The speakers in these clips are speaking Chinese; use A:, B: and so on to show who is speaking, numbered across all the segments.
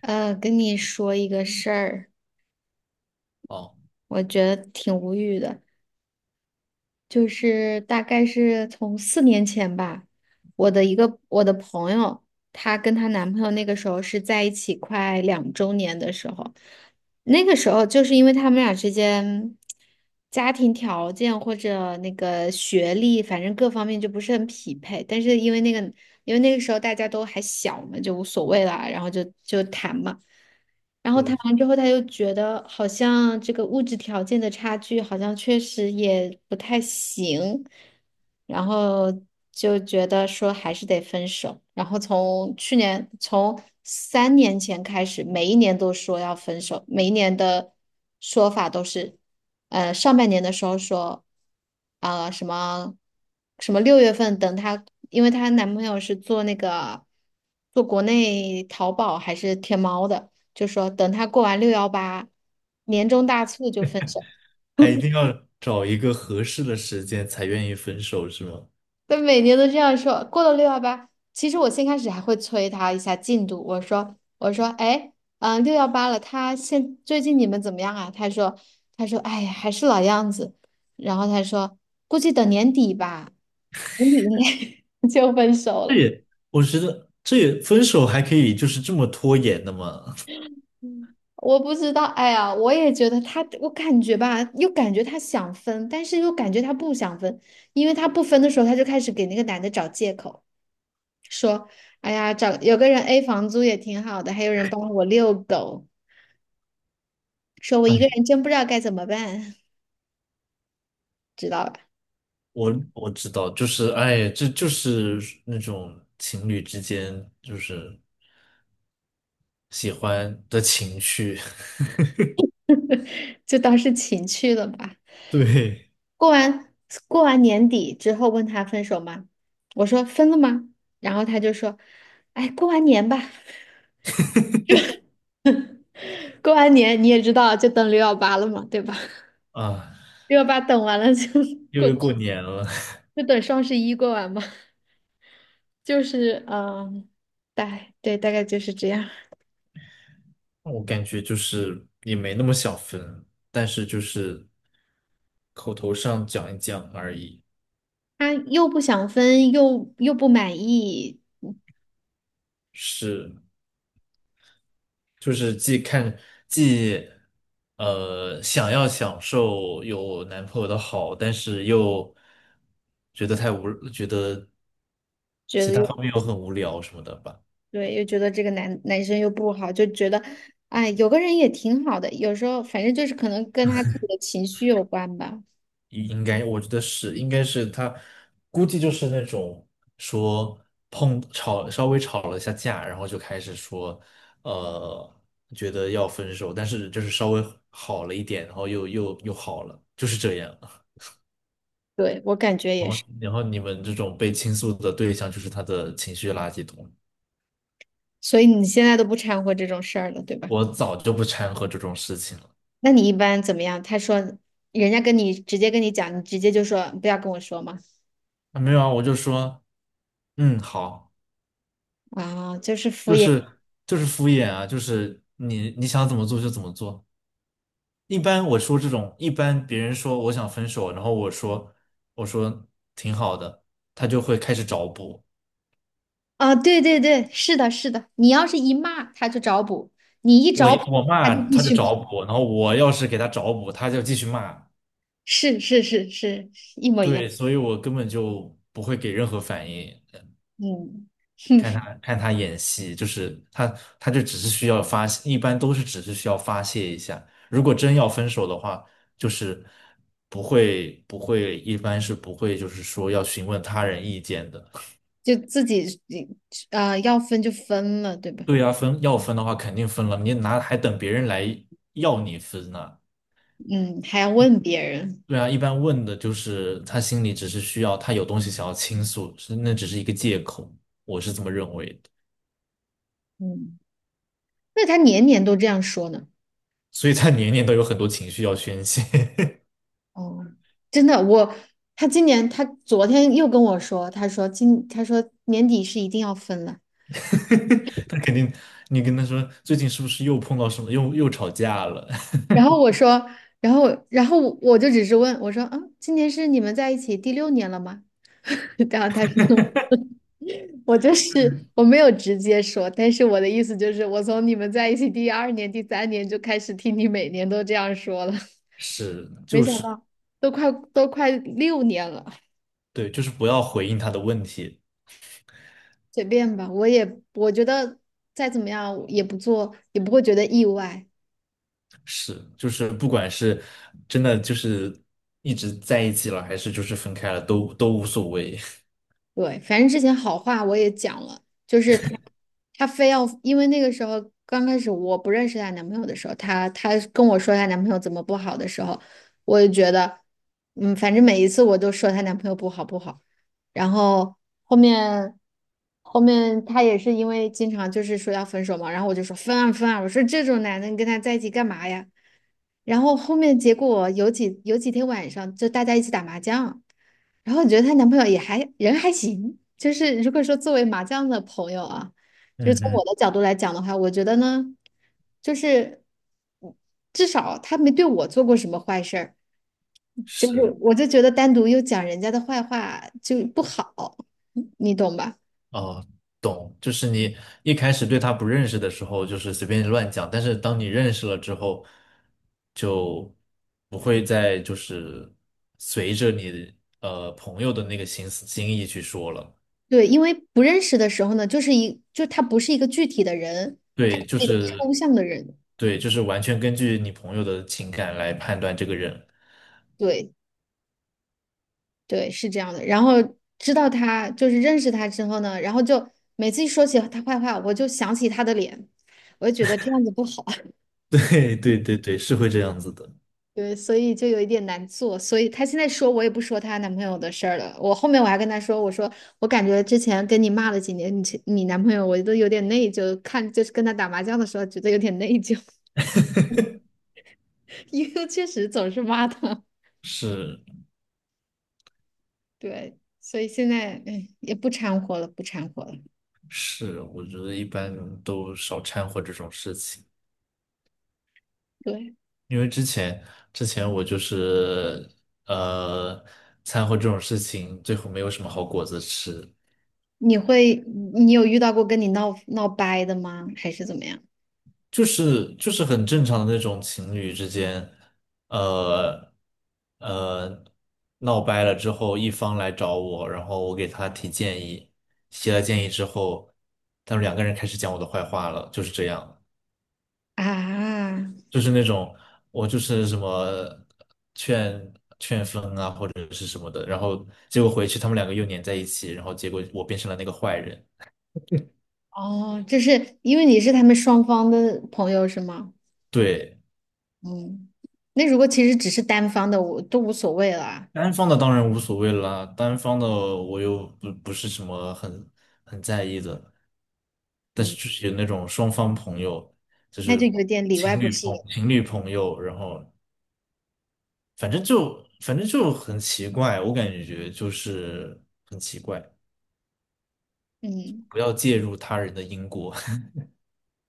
A: 跟你说一个事儿，
B: 哦，
A: 我觉得挺无语的，就是大概是从4年前吧，我的朋友，她跟她男朋友那个时候是在一起快2周年的时候，那个时候就是因为他们俩之间家庭条件或者那个学历，反正各方面就不是很匹配。但是因为那个，因为那个时候大家都还小嘛，就无所谓了，然后就谈嘛。然后谈
B: 对，
A: 完之后，他又觉得好像这个物质条件的差距好像确实也不太行，然后就觉得说还是得分手。然后从去年，从3年前开始，每一年都说要分手，每一年的说法都是，上半年的时候说，什么什么6月份等她，因为她男朋友是做那个国内淘宝还是天猫的，就说等她过完六幺八年终大促就分手。
B: 还一定 要找一个合适的时间才愿意分手，是吗？
A: 他每年都这样说，过了六幺八，其实我先开始还会催他一下进度，我说哎，嗯，六幺八了，最近你们怎么样啊？他说哎呀，还是老样子，然后他说估计等年底吧，年底 就分手
B: 这
A: 了。
B: 也，我觉得这也分手还可以就是这么拖延的吗？
A: 我不知道，哎呀，我也觉得他，我感觉吧，又感觉他想分，但是又感觉他不想分，因为他不分的时候，他就开始给那个男的找借口。说，哎呀，找有个人 A 房租也挺好的，还有人帮我遛狗，说 我一个
B: 哎，
A: 人真不知道该怎么办，知道吧？
B: 我知道，就是哎，这就是那种情侣之间就是喜欢的情绪。
A: 就当是情趣了吧。
B: 对
A: 过完过完年底之后问他分手吗？我说分了吗？然后他就说，哎，过完年吧，过完年你也知道，就等六幺八了嘛，对吧？
B: 啊，
A: 六幺八等完了就
B: 又
A: 过，
B: 又过年了。
A: 就等双11过完嘛，就是对，大概就是这样。
B: 我感觉就是也没那么想分，但是就是口头上讲一讲而已。
A: 他又不想分，又不满意，嗯
B: 是。就是既看既想要享受有男朋友的好，但是又觉得太无，觉得
A: 觉
B: 其
A: 得
B: 他
A: 又
B: 方面又很无聊什么的吧。
A: 对，又觉得这个男生又不好，就觉得，哎，有个人也挺好的。有时候反正就是可能跟他自己的情绪有关吧。
B: 应该我觉得是，应该是他估计就是那种说稍微吵了一下架，然后就开始说呃觉得要分手，但是就是稍微好了一点，然后又好了，就是这样。
A: 对，我感觉也
B: 哦，
A: 是。
B: 然后你们这种被倾诉的对象就是他的情绪垃圾桶。
A: 所以你现在都不掺和这种事儿了，对吧？
B: 我早就不掺和这种事情了。
A: 那你一般怎么样？他说人家直接跟你讲，你直接就说不要跟我说嘛。
B: 啊，没有啊，我就说，嗯，好，
A: 啊，就是敷
B: 就
A: 衍。
B: 是敷衍啊，就是你想怎么做就怎么做。一般我说这种，一般别人说我想分手，然后我说挺好的，他就会开始找补。
A: 啊，对对对，是的，是的。你要是一骂，他就找补；你一
B: 我
A: 找补，
B: 我
A: 他
B: 骂
A: 就必
B: 他就
A: 须。
B: 找补，然后我要是给他找补，他就继续骂。
A: 是是是是，一模一样。
B: 对，所以我根本就不会给任何反应。
A: 嗯，哼，
B: 看他演戏，就是他就只是需要发泄，一般都是只是需要发泄一下。如果真要分手的话，就是不会，一般是不会，就是说要询问他人意见的。
A: 就自己要分就分了，对吧？
B: 对啊，分要分的话肯定分了，你哪还等别人来要你分呢？
A: 嗯，还要问别人。
B: 对啊，一般问的就是他心里只是需要他有东西想要倾诉，是那只是一个借口，我是这么认为的。
A: 嗯，那他年年都这样说呢。
B: 所以他年年都有很多情绪要宣泄。
A: 哦，真的，我他今年他昨天又跟我说，他说年底是一定要分了。
B: 他肯定，你跟他说最近是不是又碰到什么，又吵架了？
A: 然后我说，然后我就只是问我说啊，今年是你们在一起第六年了吗？然后他说我就是我没有直接说，但是我的意思就是，我从你们在一起第二年、第三年就开始听你每年都这样说了，
B: 是，
A: 没
B: 就
A: 想
B: 是
A: 到都快六年了，
B: 对，就是不要回应他的问题。
A: 随便吧，我觉得再怎么样也不做，也不会觉得意外。
B: 是，就是不管是真的就是一直在一起了，还是就是分开了，都无所谓。
A: 对，反正之前好话我也讲了，就是她，她非要，因为那个时候刚开始我不认识她男朋友的时候，她跟我说她男朋友怎么不好的时候，我就觉得，嗯，反正每一次我都说她男朋友不好不好，然后后面后面她也是因为经常就是说要分手嘛，然后我就说分啊分啊，我说这种男的你跟他在一起干嘛呀？然后后面结果有几天晚上就大家一起打麻将。然后我觉得她男朋友也还人还行，就是如果说作为麻将的朋友啊，就
B: 嗯
A: 是从
B: 哼，
A: 我的角度来讲的话，我觉得呢，就是嗯至少他没对我做过什么坏事儿，就是
B: 是。
A: 我就觉得单独又讲人家的坏话就不好，你懂吧？
B: 哦，懂，就是你一开始对他不认识的时候，就是随便乱讲，但是当你认识了之后，就不会再就是随着你朋友的那个心意去说了。
A: 对，因为不认识的时候呢，就是他不是一个具体的人，他是
B: 对，就
A: 一个
B: 是
A: 抽象的人，
B: 对，就是完全根据你朋友的情感来判断这个人。
A: 对。对，是这样的。然后知道他就是认识他之后呢，然后就每次一说起他坏话，我就想起他的脸，我就觉得这样子不好，
B: 对，是会这样子的。
A: 对，所以就有一点难做。所以她现在说我也不说她男朋友的事儿了。我后面我还跟她说，我说我感觉之前跟你骂了几年，你男朋友我都有点内疚，就是跟他打麻将的时候觉得有点内疚，因为确实总是骂他。
B: 是
A: 对，所以现在哎也不掺和了，不掺和了。
B: 是，我觉得一般人都少掺和这种事情。
A: 对。
B: 因为之前我就是呃掺和这种事情，最后没有什么好果子吃，
A: 你会，你有遇到过跟你闹掰的吗？还是怎么样？
B: 就是就是很正常的那种情侣之间，呃呃闹掰了之后，一方来找我，然后我给他提建议，提了建议之后，他们两个人开始讲我的坏话了，就是这样。
A: 啊，
B: 就是那种我就是什么劝。是什么的，然后结果回去他们两个又粘在一起，然后结果我变成了那个坏人。
A: 哦，就是因为你是他们双方的朋友是吗？
B: 对，
A: 嗯，那如果其实只是单方的，我都无所谓了啊。
B: 单方的当然无所谓啦，单方的我又不不是什么很很在意的，但是
A: 嗯，
B: 就是有那种双方朋友，就
A: 那就
B: 是
A: 有点里外不是人。
B: 情侣朋友，然后反正就很奇怪，我感觉就是很奇怪，
A: 嗯，
B: 不要介入他人的因果。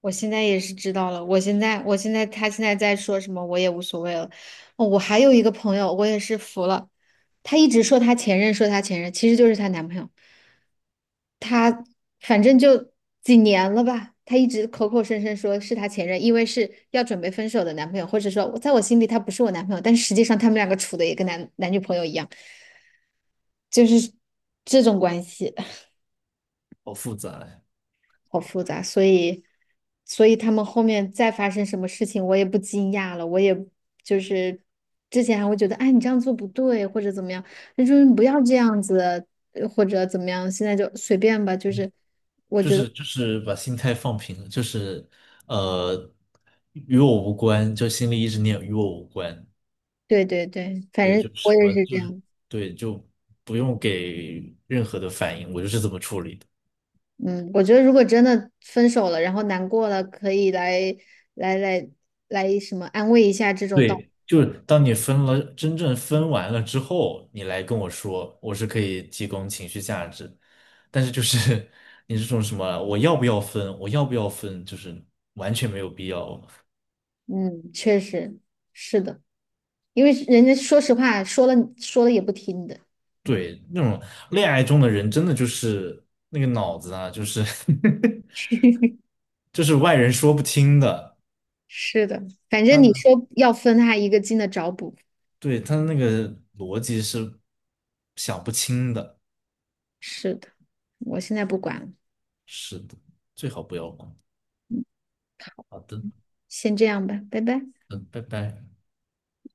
A: 我现在也是知道了。我现在，我现在，他现在在说什么，我也无所谓了。哦，我还有一个朋友，我也是服了，她一直说她前任，其实就是她男朋友。反正就几年了吧，他一直口口声声说是他前任，因为是要准备分手的男朋友，或者说我在我心里他不是我男朋友，但实际上他们两个处的也跟男女朋友一样，就是这种关系，
B: 好复杂呀。
A: 好复杂，所以他们后面再发生什么事情，我也不惊讶了，我也就是之前还会觉得，哎，你这样做不对，或者怎么样，那就是不要这样子，或者怎么样，现在就随便吧，就是觉得
B: 就是把心态放平了，就是呃，与我无关，就心里一直念与我无关。
A: 对对对，反
B: 对，
A: 正
B: 就什
A: 我也
B: 么
A: 是这
B: 就是
A: 样。
B: 对，就不用给任何的反应，我就是这么处理的。
A: 嗯，我觉得如果真的分手了，然后难过了，可以来来来什么安慰一下这种道。
B: 对，就是当你分了，真正分完了之后，你来跟我说，我是可以提供情绪价值，但是就是 你这种什么我要不要分，我要不要分，就是完全没有必要。
A: 嗯，确实是的，因为人家说实话说了也不听的。
B: 对，那种恋爱中的人，真的就是那个脑子啊，就是 就是外人说不清的。
A: 是的，反正你
B: 他
A: 说要分，他一个劲的找补。
B: 对他那个逻辑是想不清的。
A: 是的，我现在不管了，
B: 是的，最好不要管。好的，
A: 先这样吧，拜拜。
B: 嗯，拜拜。